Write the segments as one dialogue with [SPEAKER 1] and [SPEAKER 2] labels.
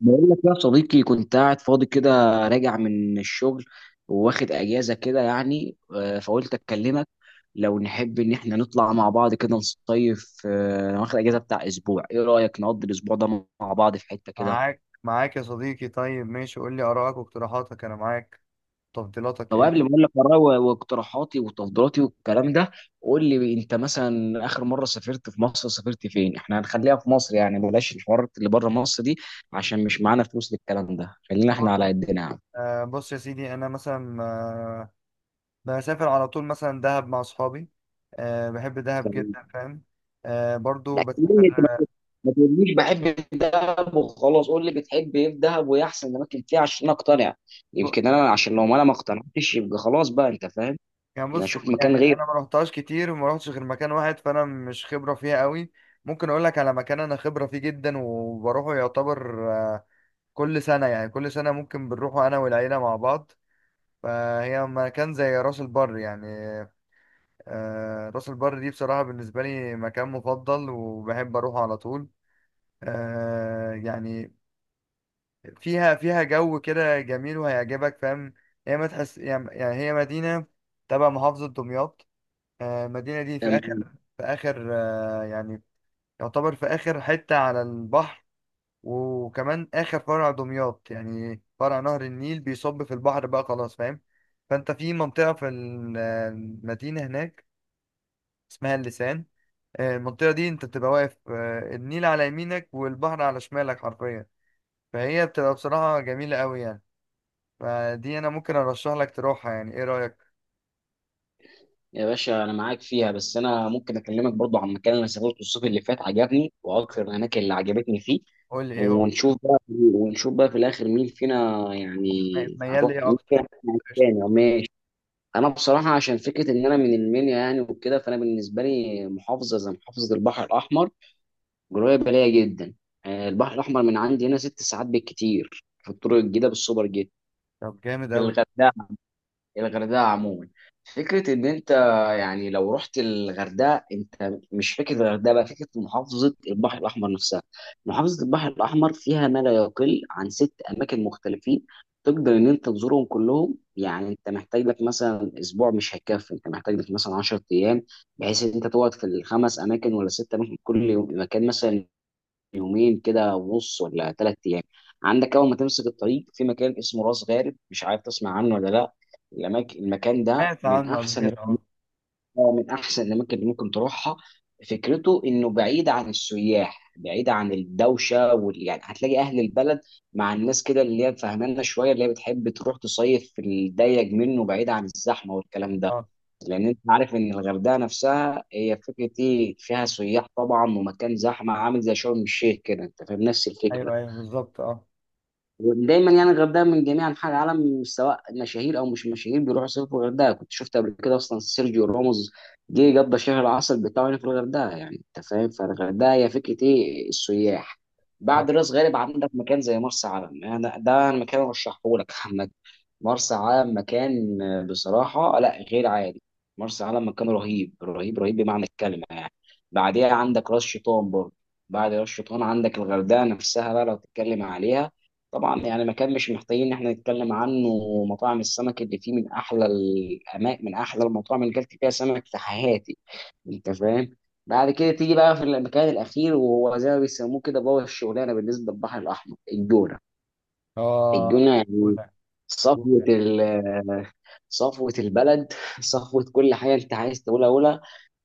[SPEAKER 1] بقول لك يا صديقي، كنت قاعد فاضي كده، راجع من الشغل، واخد اجازه كده يعني فقلت اكلمك. لو نحب ان احنا نطلع مع بعض كده نصيف. انا واخد اجازه بتاع اسبوع، ايه رايك نقضي الاسبوع ده مع بعض في حته كده؟
[SPEAKER 2] معاك يا صديقي. طيب ماشي، قول لي آرائك واقتراحاتك، أنا معاك. تفضيلاتك
[SPEAKER 1] طب
[SPEAKER 2] إيه؟
[SPEAKER 1] قبل ما اقول لك آراء و- واقتراحاتي وتفضيلاتي والكلام ده، قول لي انت، مثلا اخر مره سافرت في مصر سافرت فين؟ احنا هنخليها في مصر يعني، بلاش الحوارات اللي بره مصر دي، عشان مش معانا فلوس للكلام ده، خلينا
[SPEAKER 2] بص،
[SPEAKER 1] احنا على قدنا يا
[SPEAKER 2] بص يا سيدي. أنا مثلا بسافر على طول مثلا دهب مع أصحابي. آه، بحب دهب
[SPEAKER 1] عم.
[SPEAKER 2] جدا، فاهم. آه، برضو
[SPEAKER 1] لا
[SPEAKER 2] بسافر
[SPEAKER 1] كلمني انت، ما تقوليش بحب الدهب وخلاص، قول لي بتحب ايه في دهب وايه احسن الاماكن فيها عشان اقتنع،
[SPEAKER 2] ب...
[SPEAKER 1] يمكن انا، عشان لو ما انا ما اقتنعتش يبقى خلاص بقى، انت فاهم.
[SPEAKER 2] يعني
[SPEAKER 1] انا
[SPEAKER 2] بص،
[SPEAKER 1] اشوف مكان
[SPEAKER 2] يعني
[SPEAKER 1] غير.
[SPEAKER 2] أنا ما رحتهاش كتير وما رحتش غير مكان واحد، فأنا مش خبرة فيها قوي. ممكن أقول لك على مكان أنا خبرة فيه جدا وبروحه، يعتبر كل سنة، يعني كل سنة ممكن بنروحه أنا والعيلة مع بعض. فهي مكان زي راس البر يعني. آه، راس البر دي بصراحة بالنسبة لي مكان مفضل، وبحب أروحه على طول. آه، يعني فيها جو كده جميل وهيعجبك، فاهم. هي ما تحس، يعني هي مدينة تبع محافظة دمياط. آه، المدينة دي في
[SPEAKER 1] تمام.
[SPEAKER 2] آخر يعني يعتبر في آخر حتة على البحر، وكمان آخر فرع دمياط، يعني فرع نهر النيل بيصب في البحر بقى، خلاص فاهم. فأنت في منطقة في المدينة هناك اسمها اللسان. آه، المنطقة دي انت بتبقى واقف، آه، النيل على يمينك والبحر على شمالك حرفيا. فهي بتبقى بصراحة جميلة قوي يعني. فدي انا ممكن ارشح لك تروحها، يعني ايه رأيك؟
[SPEAKER 1] يا باشا انا معاك فيها، بس انا ممكن اكلمك برضو عن مكان انا سافرته الصيف اللي فات، عجبني واكثر الاماكن اللي عجبتني فيه،
[SPEAKER 2] قول لي ايه هو.
[SPEAKER 1] ونشوف بقى في الاخر مين فينا يعني،
[SPEAKER 2] طيب، ميال
[SPEAKER 1] هنروح
[SPEAKER 2] ليه
[SPEAKER 1] مين
[SPEAKER 2] اكتر؟
[SPEAKER 1] فينا
[SPEAKER 2] قشطة.
[SPEAKER 1] تاني. انا بصراحه، عشان فكره ان انا من المنيا يعني وكده، فانا بالنسبه لي محافظه زي محافظه البحر الاحمر قريبه ليا جدا. البحر الاحمر من عندي هنا 6 ساعات بالكتير في الطرق الجديده بالسوبر جيت.
[SPEAKER 2] طب جامد قوي.
[SPEAKER 1] الغردقة الغردقه عموما، فكره ان انت يعني لو رحت الغردقه، انت مش فكره الغردقه بقى، فكره محافظه البحر الاحمر نفسها. محافظه البحر الاحمر فيها ما لا يقل عن ست اماكن مختلفين، تقدر ان انت تزورهم كلهم، يعني انت محتاج لك مثلا اسبوع مش هيكفي، انت محتاج لك مثلا 10 ايام، بحيث ان انت تقعد في الخمس اماكن ولا ست اماكن، كل يوم مكان، مثلا يومين كده ونص ولا 3 ايام. عندك اول ما تمسك الطريق في مكان اسمه راس غارب، مش عارف تسمع عنه ولا لا. المكان ده
[SPEAKER 2] سمعت
[SPEAKER 1] من
[SPEAKER 2] عنه قبل
[SPEAKER 1] احسن
[SPEAKER 2] كده، اه.
[SPEAKER 1] من احسن الاماكن اللي ممكن تروحها. فكرته انه بعيد عن السياح، بعيد عن الدوشه يعني هتلاقي اهل البلد، مع الناس كده اللي هي فهمانه شويه، اللي هي بتحب تروح تصيف في الضيق منه، بعيد عن الزحمه والكلام ده.
[SPEAKER 2] اه.
[SPEAKER 1] لان انت عارف ان الغردقه نفسها هي فكره ايه، فيها سياح طبعا، ومكان زحمه عامل زي شرم الشيخ كده، انت فاهم نفس الفكره.
[SPEAKER 2] ايوه ايوه بالظبط، اه.
[SPEAKER 1] ودايما يعني الغردقه من جميع انحاء العالم، سواء مشاهير او مش مشاهير، بيروحوا يصيفوا في الغردقه. كنت شفت قبل كده اصلا سيرجيو راموس جه قضى شهر العسل بتاعه هنا في الغردقه، يعني انت فاهم، فالغردقه هي فكره ايه، السياح.
[SPEAKER 2] اه.
[SPEAKER 1] بعد راس غارب عندك مكان زي مرسى علم، يعني ده المكان اللي رشحه لك محمد. مرسى علم مكان بصراحه لا، غير عادي. مرسى علم مكان رهيب رهيب رهيب بمعنى الكلمه يعني. بعديها عندك راس شيطان برضه. بعد راس شيطان عندك الغردقه نفسها بقى لو تتكلم عليها، طبعا يعني مكان مش محتاجين ان احنا نتكلم عنه. مطاعم السمك اللي فيه من احلى المطاعم اللي اكلت فيها سمك في حياتي، انت فاهم. بعد كده تيجي بقى في المكان الاخير، وهو زي ما بيسموه كده بابا الشغلانه بالنسبه للبحر الاحمر، الجونه.
[SPEAKER 2] اه.
[SPEAKER 1] الجونه يعني
[SPEAKER 2] جونة.
[SPEAKER 1] صفوة
[SPEAKER 2] جونة.
[SPEAKER 1] ال صفوة البلد، صفوة كل حاجة، أنت عايز تقولها قولها.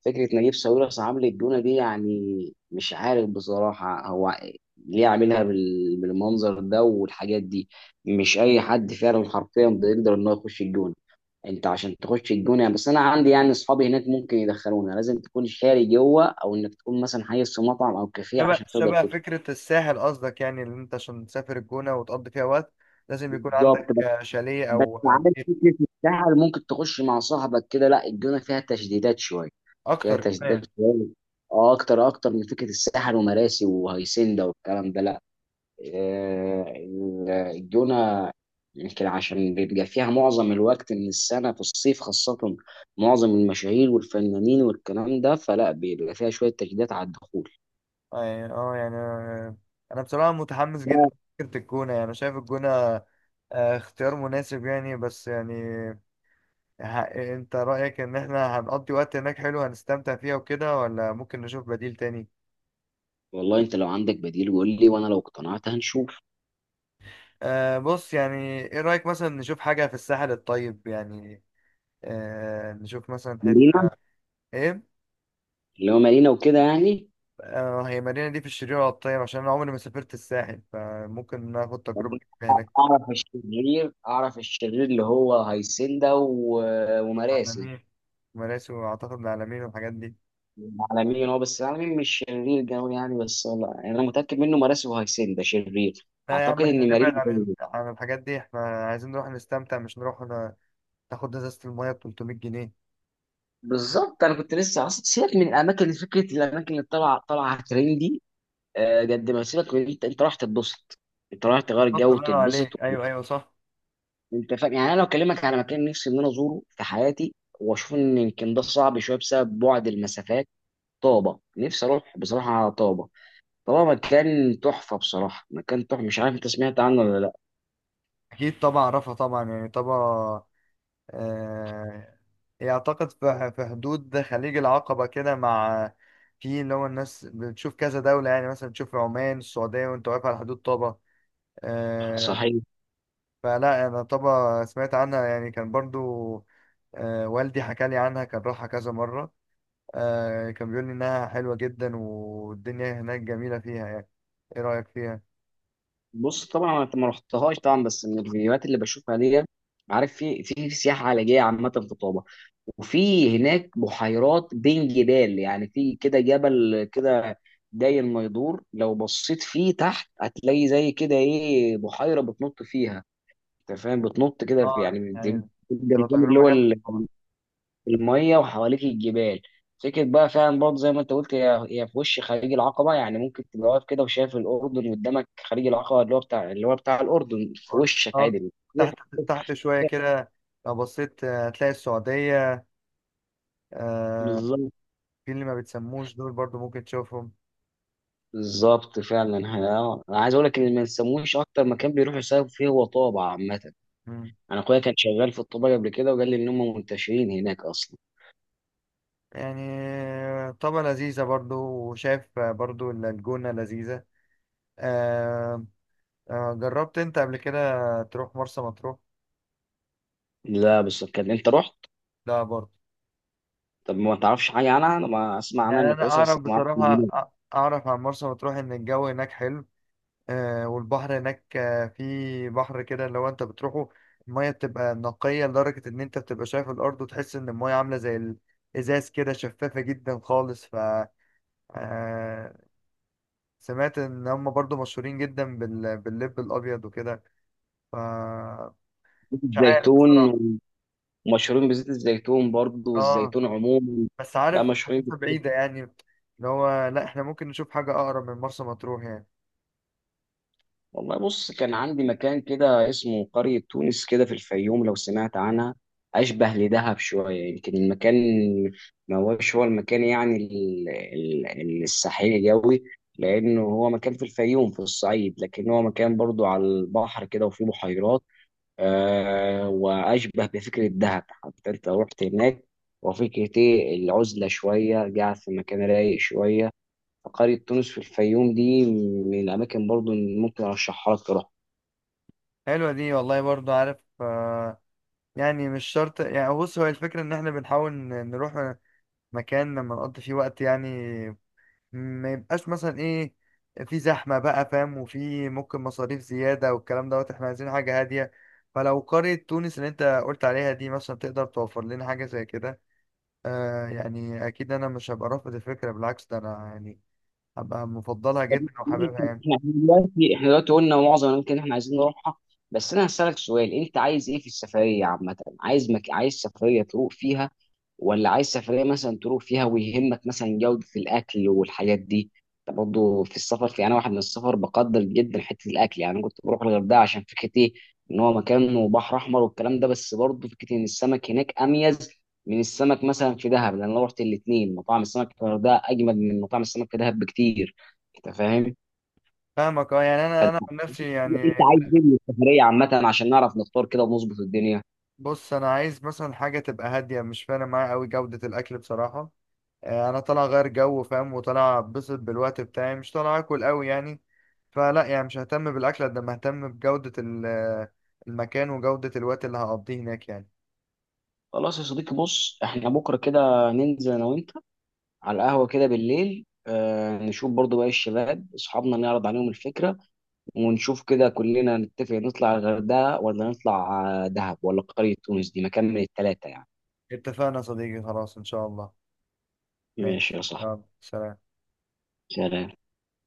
[SPEAKER 1] فكرة نجيب ساويرس عامل الجونة دي يعني، مش عارف بصراحة هو ليه عاملها بالمنظر ده والحاجات دي. مش أي حد فعلا حرفيا بيقدر إن هو يخش الجونة، أنت عشان تخش الجونة يعني، بس أنا عندي يعني أصحابي هناك ممكن يدخلونا، لازم تكون شاري جوه أو إنك تكون مثلا حيز في مطعم أو كافيه
[SPEAKER 2] شبه
[SPEAKER 1] عشان تقدر
[SPEAKER 2] شبه
[SPEAKER 1] تدخل.
[SPEAKER 2] فكرة الساحل قصدك، يعني اللي انت عشان تسافر الجونة وتقضي فيها وقت لازم يكون
[SPEAKER 1] بالظبط،
[SPEAKER 2] عندك آه، شاليه
[SPEAKER 1] بس
[SPEAKER 2] او آه،
[SPEAKER 1] عارف
[SPEAKER 2] بيت.
[SPEAKER 1] فكرة السهل ممكن تخش مع صاحبك كده، لا الجونة فيها تشديدات شوية. فيها
[SPEAKER 2] اكتر
[SPEAKER 1] تشديدات
[SPEAKER 2] كمان.
[SPEAKER 1] شوية. اه اكتر اكتر من فكرة الساحل ومراسي وهيسندا والكلام ده، لا. الجونة يمكن عشان بيبقى فيها معظم الوقت من السنة في الصيف خاصة، معظم المشاهير والفنانين والكلام ده، فلا بيبقى فيها شوية تشديدات على الدخول.
[SPEAKER 2] اه، يعني آه، يعني أنا بصراحة متحمس جدا
[SPEAKER 1] لا
[SPEAKER 2] فكرة الجونة. يعني أنا شايف الجونة آه، اختيار مناسب يعني. بس يعني ه- انت رأيك ان احنا هنقضي وقت هناك حلو، هنستمتع فيها وكده، ولا ممكن نشوف بديل تاني؟
[SPEAKER 1] والله، انت لو عندك بديل قول لي، وانا لو اقتنعت هنشوف.
[SPEAKER 2] أه بص يعني، ايه رأيك مثلا نشوف حاجة في الساحل الطيب يعني؟ أه نشوف مثلا
[SPEAKER 1] مارينا.
[SPEAKER 2] حتة ايه.
[SPEAKER 1] اللي هو مارينا وكده يعني.
[SPEAKER 2] أه، هي المدينة دي في الشرير ولا الطيب؟ عشان انا عمري ما سافرت الساحل، فممكن ناخد تجربة
[SPEAKER 1] يعني
[SPEAKER 2] جديدة هناك.
[SPEAKER 1] اعرف الشرير اللي هو هيسندا و- ومراسي.
[SPEAKER 2] عالمين. مراسي، واعتقد العلمين والحاجات دي.
[SPEAKER 1] العالمين هو، بس العالمين مش شرير قوي يعني، بس لا يعني انا متاكد منه مراسي وهيسندا شرير.
[SPEAKER 2] لا يا
[SPEAKER 1] اعتقد
[SPEAKER 2] عم، احنا
[SPEAKER 1] ان
[SPEAKER 2] نبعد
[SPEAKER 1] مارين
[SPEAKER 2] عن
[SPEAKER 1] برضه.
[SPEAKER 2] الحاجات دي. احنا عايزين نروح نستمتع مش نروح ناخد ازازة المية ب 300 جنيه.
[SPEAKER 1] بالظبط، انا كنت لسه اصلا، سيبك من الاماكن فكره الاماكن اللي طالعه طالعه ترندي، قد ما سيبك من انت رايح تتبسط، انت رايح تغير جو
[SPEAKER 2] اتفضل، الله ينور
[SPEAKER 1] وتتبسط
[SPEAKER 2] عليك. ايوه ايوه صح.
[SPEAKER 1] انت فاهم يعني، انا لو اكلمك على مكان نفسي ان انا ازوره في حياتي، واشوف ان يمكن ده صعب شويه بسبب بعد المسافات. طابة، نفسي أروح بصراحة على طابة. طابة مكان تحفة، بصراحة مكان تحفة، مش عارف أنت سمعت عنه ولا لأ؟
[SPEAKER 2] اكيد طبعا اعرفها طبعا، يعني طبعا. آه، هي اعتقد في في حدود خليج العقبة كده، مع في اللي هو الناس بتشوف كذا دولة، يعني مثلا تشوف عمان السعودية وانت واقف على حدود طابة. آه.
[SPEAKER 1] صحيح.
[SPEAKER 2] فلا انا طبعا سمعت عنها، يعني كان برضو آه والدي حكى لي عنها، كان راحها كذا مرة. آه، كان بيقول لي إنها حلوة جدا والدنيا هناك جميلة فيها يعني. إيه رأيك فيها؟
[SPEAKER 1] بص طبعا، أنا ما رحتهاش طبعا، بس من الفيديوهات اللي بشوفها دي، عارف في سياحة علاجية عامة في طابة، وفي هناك بحيرات بين جبال، يعني في كده جبل كده داير ما يدور، لو بصيت فيه تحت هتلاقي زي كده إيه بحيرة بتنط فيها، أنت فاهم، بتنط كده
[SPEAKER 2] اه
[SPEAKER 1] يعني بتبقى
[SPEAKER 2] يعني تبقى
[SPEAKER 1] الجمجمة اللي
[SPEAKER 2] تجربة
[SPEAKER 1] هو
[SPEAKER 2] جامدة طبعاً.
[SPEAKER 1] المية وحواليك الجبال. فكرة بقى فعلا برضه زي ما انت قلت، هي في وش خليج العقبة، يعني ممكن تبقى واقف كده وشايف الأردن قدامك، خليج العقبة اللي هو بتاع الأردن في
[SPEAKER 2] أرجو
[SPEAKER 1] وشك
[SPEAKER 2] اه،
[SPEAKER 1] عادي.
[SPEAKER 2] تحت شوية كده لو بصيت آه، هتلاقي السعودية. آه،
[SPEAKER 1] بالظبط
[SPEAKER 2] في اللي ما بتسموش دول برضو ممكن تشوفهم.
[SPEAKER 1] بالظبط فعلا، انا عايز اقول لك ان ما نسموش اكتر مكان بيروحوا يصيفوا فيه هو طابة عامة.
[SPEAKER 2] مم.
[SPEAKER 1] انا اخويا كان شغال في الطابة قبل كده، وقال لي ان هم منتشرين هناك اصلا.
[SPEAKER 2] يعني آه، طبعا لذيذة برضو. وشايف آه، برضو إن الجونة لذيذة. آه، آه، جربت انت قبل كده تروح مرسى مطروح؟
[SPEAKER 1] لا، بس كان، انت رحت؟
[SPEAKER 2] لا برضو.
[SPEAKER 1] طب ما تعرفش حاجة عنها؟ انا ما اسمع عنها
[SPEAKER 2] يعني
[SPEAKER 1] انها
[SPEAKER 2] انا
[SPEAKER 1] كويسة بس
[SPEAKER 2] اعرف
[SPEAKER 1] ما اعرفش
[SPEAKER 2] بصراحه
[SPEAKER 1] عنها.
[SPEAKER 2] اعرف عن مرسى مطروح ان الجو هناك حلو. آه، والبحر هناك آه في بحر كده، لو انت بتروحه الميه بتبقى نقيه لدرجه ان انت بتبقى شايف الارض، وتحس ان الميه عامله زي الازاز كده، شفافه جدا خالص. ف آه، سمعت ان هم برضو مشهورين جدا باللب الابيض وكده. ف مش عارف
[SPEAKER 1] زيتون،
[SPEAKER 2] بصراحه.
[SPEAKER 1] ومشهورين بزيت الزيتون برضه
[SPEAKER 2] اه،
[SPEAKER 1] والزيتون عموما.
[SPEAKER 2] بس
[SPEAKER 1] لا
[SPEAKER 2] عارف
[SPEAKER 1] مشهورين
[SPEAKER 2] حاسسها
[SPEAKER 1] بزيت.
[SPEAKER 2] بعيده يعني. اللي هو لا، احنا ممكن نشوف حاجه اقرب من مرسى مطروح يعني.
[SPEAKER 1] والله بص، كان عندي مكان كده اسمه قرية تونس كده في الفيوم، لو سمعت عنها. أشبه لدهب شوية يمكن المكان، ما هوش هو المكان يعني الساحلي قوي، لأنه هو مكان في الفيوم في الصعيد، لكن هو مكان برضو على البحر كده وفيه بحيرات. وأشبه بفكرة دهب حتى، أنت رحت هناك؟ وفكرة إيه العزلة شوية، قاعد في مكان رايق شوية، فقرية تونس في الفيوم دي من الأماكن برضو اللي ممكن أرشحها لك تروح.
[SPEAKER 2] حلوة دي والله. برضو عارف آه، يعني مش شرط، يعني بص هو الفكرة ان احنا بنحاول نروح مكان لما نقضي فيه وقت يعني، ما يبقاش مثلا ايه في زحمة بقى فاهم، وفي ممكن مصاريف زيادة والكلام دوت. احنا عايزين حاجة هادية. فلو قرية تونس اللي انت قلت عليها دي مثلا تقدر توفر لنا حاجة زي كده، آه يعني اكيد انا مش هبقى رافض الفكرة، بالعكس ده انا يعني هبقى مفضلها
[SPEAKER 1] طب
[SPEAKER 2] جدا
[SPEAKER 1] ماشي،
[SPEAKER 2] وحاببها يعني.
[SPEAKER 1] احنا دلوقتي قلنا معظم الأماكن اللي احنا عايزين نروحها، بس أنا هسألك سؤال، أنت عايز إيه في السفرية عامة؟ عايز سفرية تروح فيها، ولا عايز سفرية مثلا تروح فيها ويهمك مثلا جودة الأكل والحاجات دي. أنت برضه في السفر، أنا واحد من السفر بقدر جدا حتة الأكل، يعني أنا كنت بروح الغردقة عشان فكرة إيه، إن هو مكان بحر أحمر والكلام ده، بس برضه فكرة إن السمك هناك أميز من السمك مثلا في دهب، لأن أنا رحت الاتنين. مطاعم السمك في الغردقة أجمد من مطاعم السمك في دهب بكتير، أنت فاهم؟
[SPEAKER 2] فاهمك اه، يعني انا عن نفسي يعني
[SPEAKER 1] أنت عايز إيه من السفرية عامة، عشان نعرف نختار كده ونظبط الدنيا.
[SPEAKER 2] بص انا عايز مثلا حاجه تبقى هاديه. مش فارق معايا قوي جوده الاكل بصراحه. آه، انا طالع غير جو فاهم، وطالع اتبسط بالوقت بتاعي، مش طالع اكل قوي يعني. فلا يعني مش ههتم بالاكل قد ما ههتم بجوده آه، المكان وجوده الوقت اللي هقضيه هناك يعني.
[SPEAKER 1] خلاص يا صديقي، بص احنا بكره كده ننزل انا وانت على القهوة كده بالليل، نشوف برضو باقي الشباب أصحابنا، نعرض عليهم الفكرة، ونشوف كده كلنا نتفق، نطلع على الغردقة ولا نطلع دهب ولا قرية تونس، دي مكان من التلاتة يعني.
[SPEAKER 2] اتفقنا يا صديقي، خلاص ان شاء الله.
[SPEAKER 1] ماشي
[SPEAKER 2] ماشي،
[SPEAKER 1] يا صاحبي،
[SPEAKER 2] يلا سلام.
[SPEAKER 1] سلام.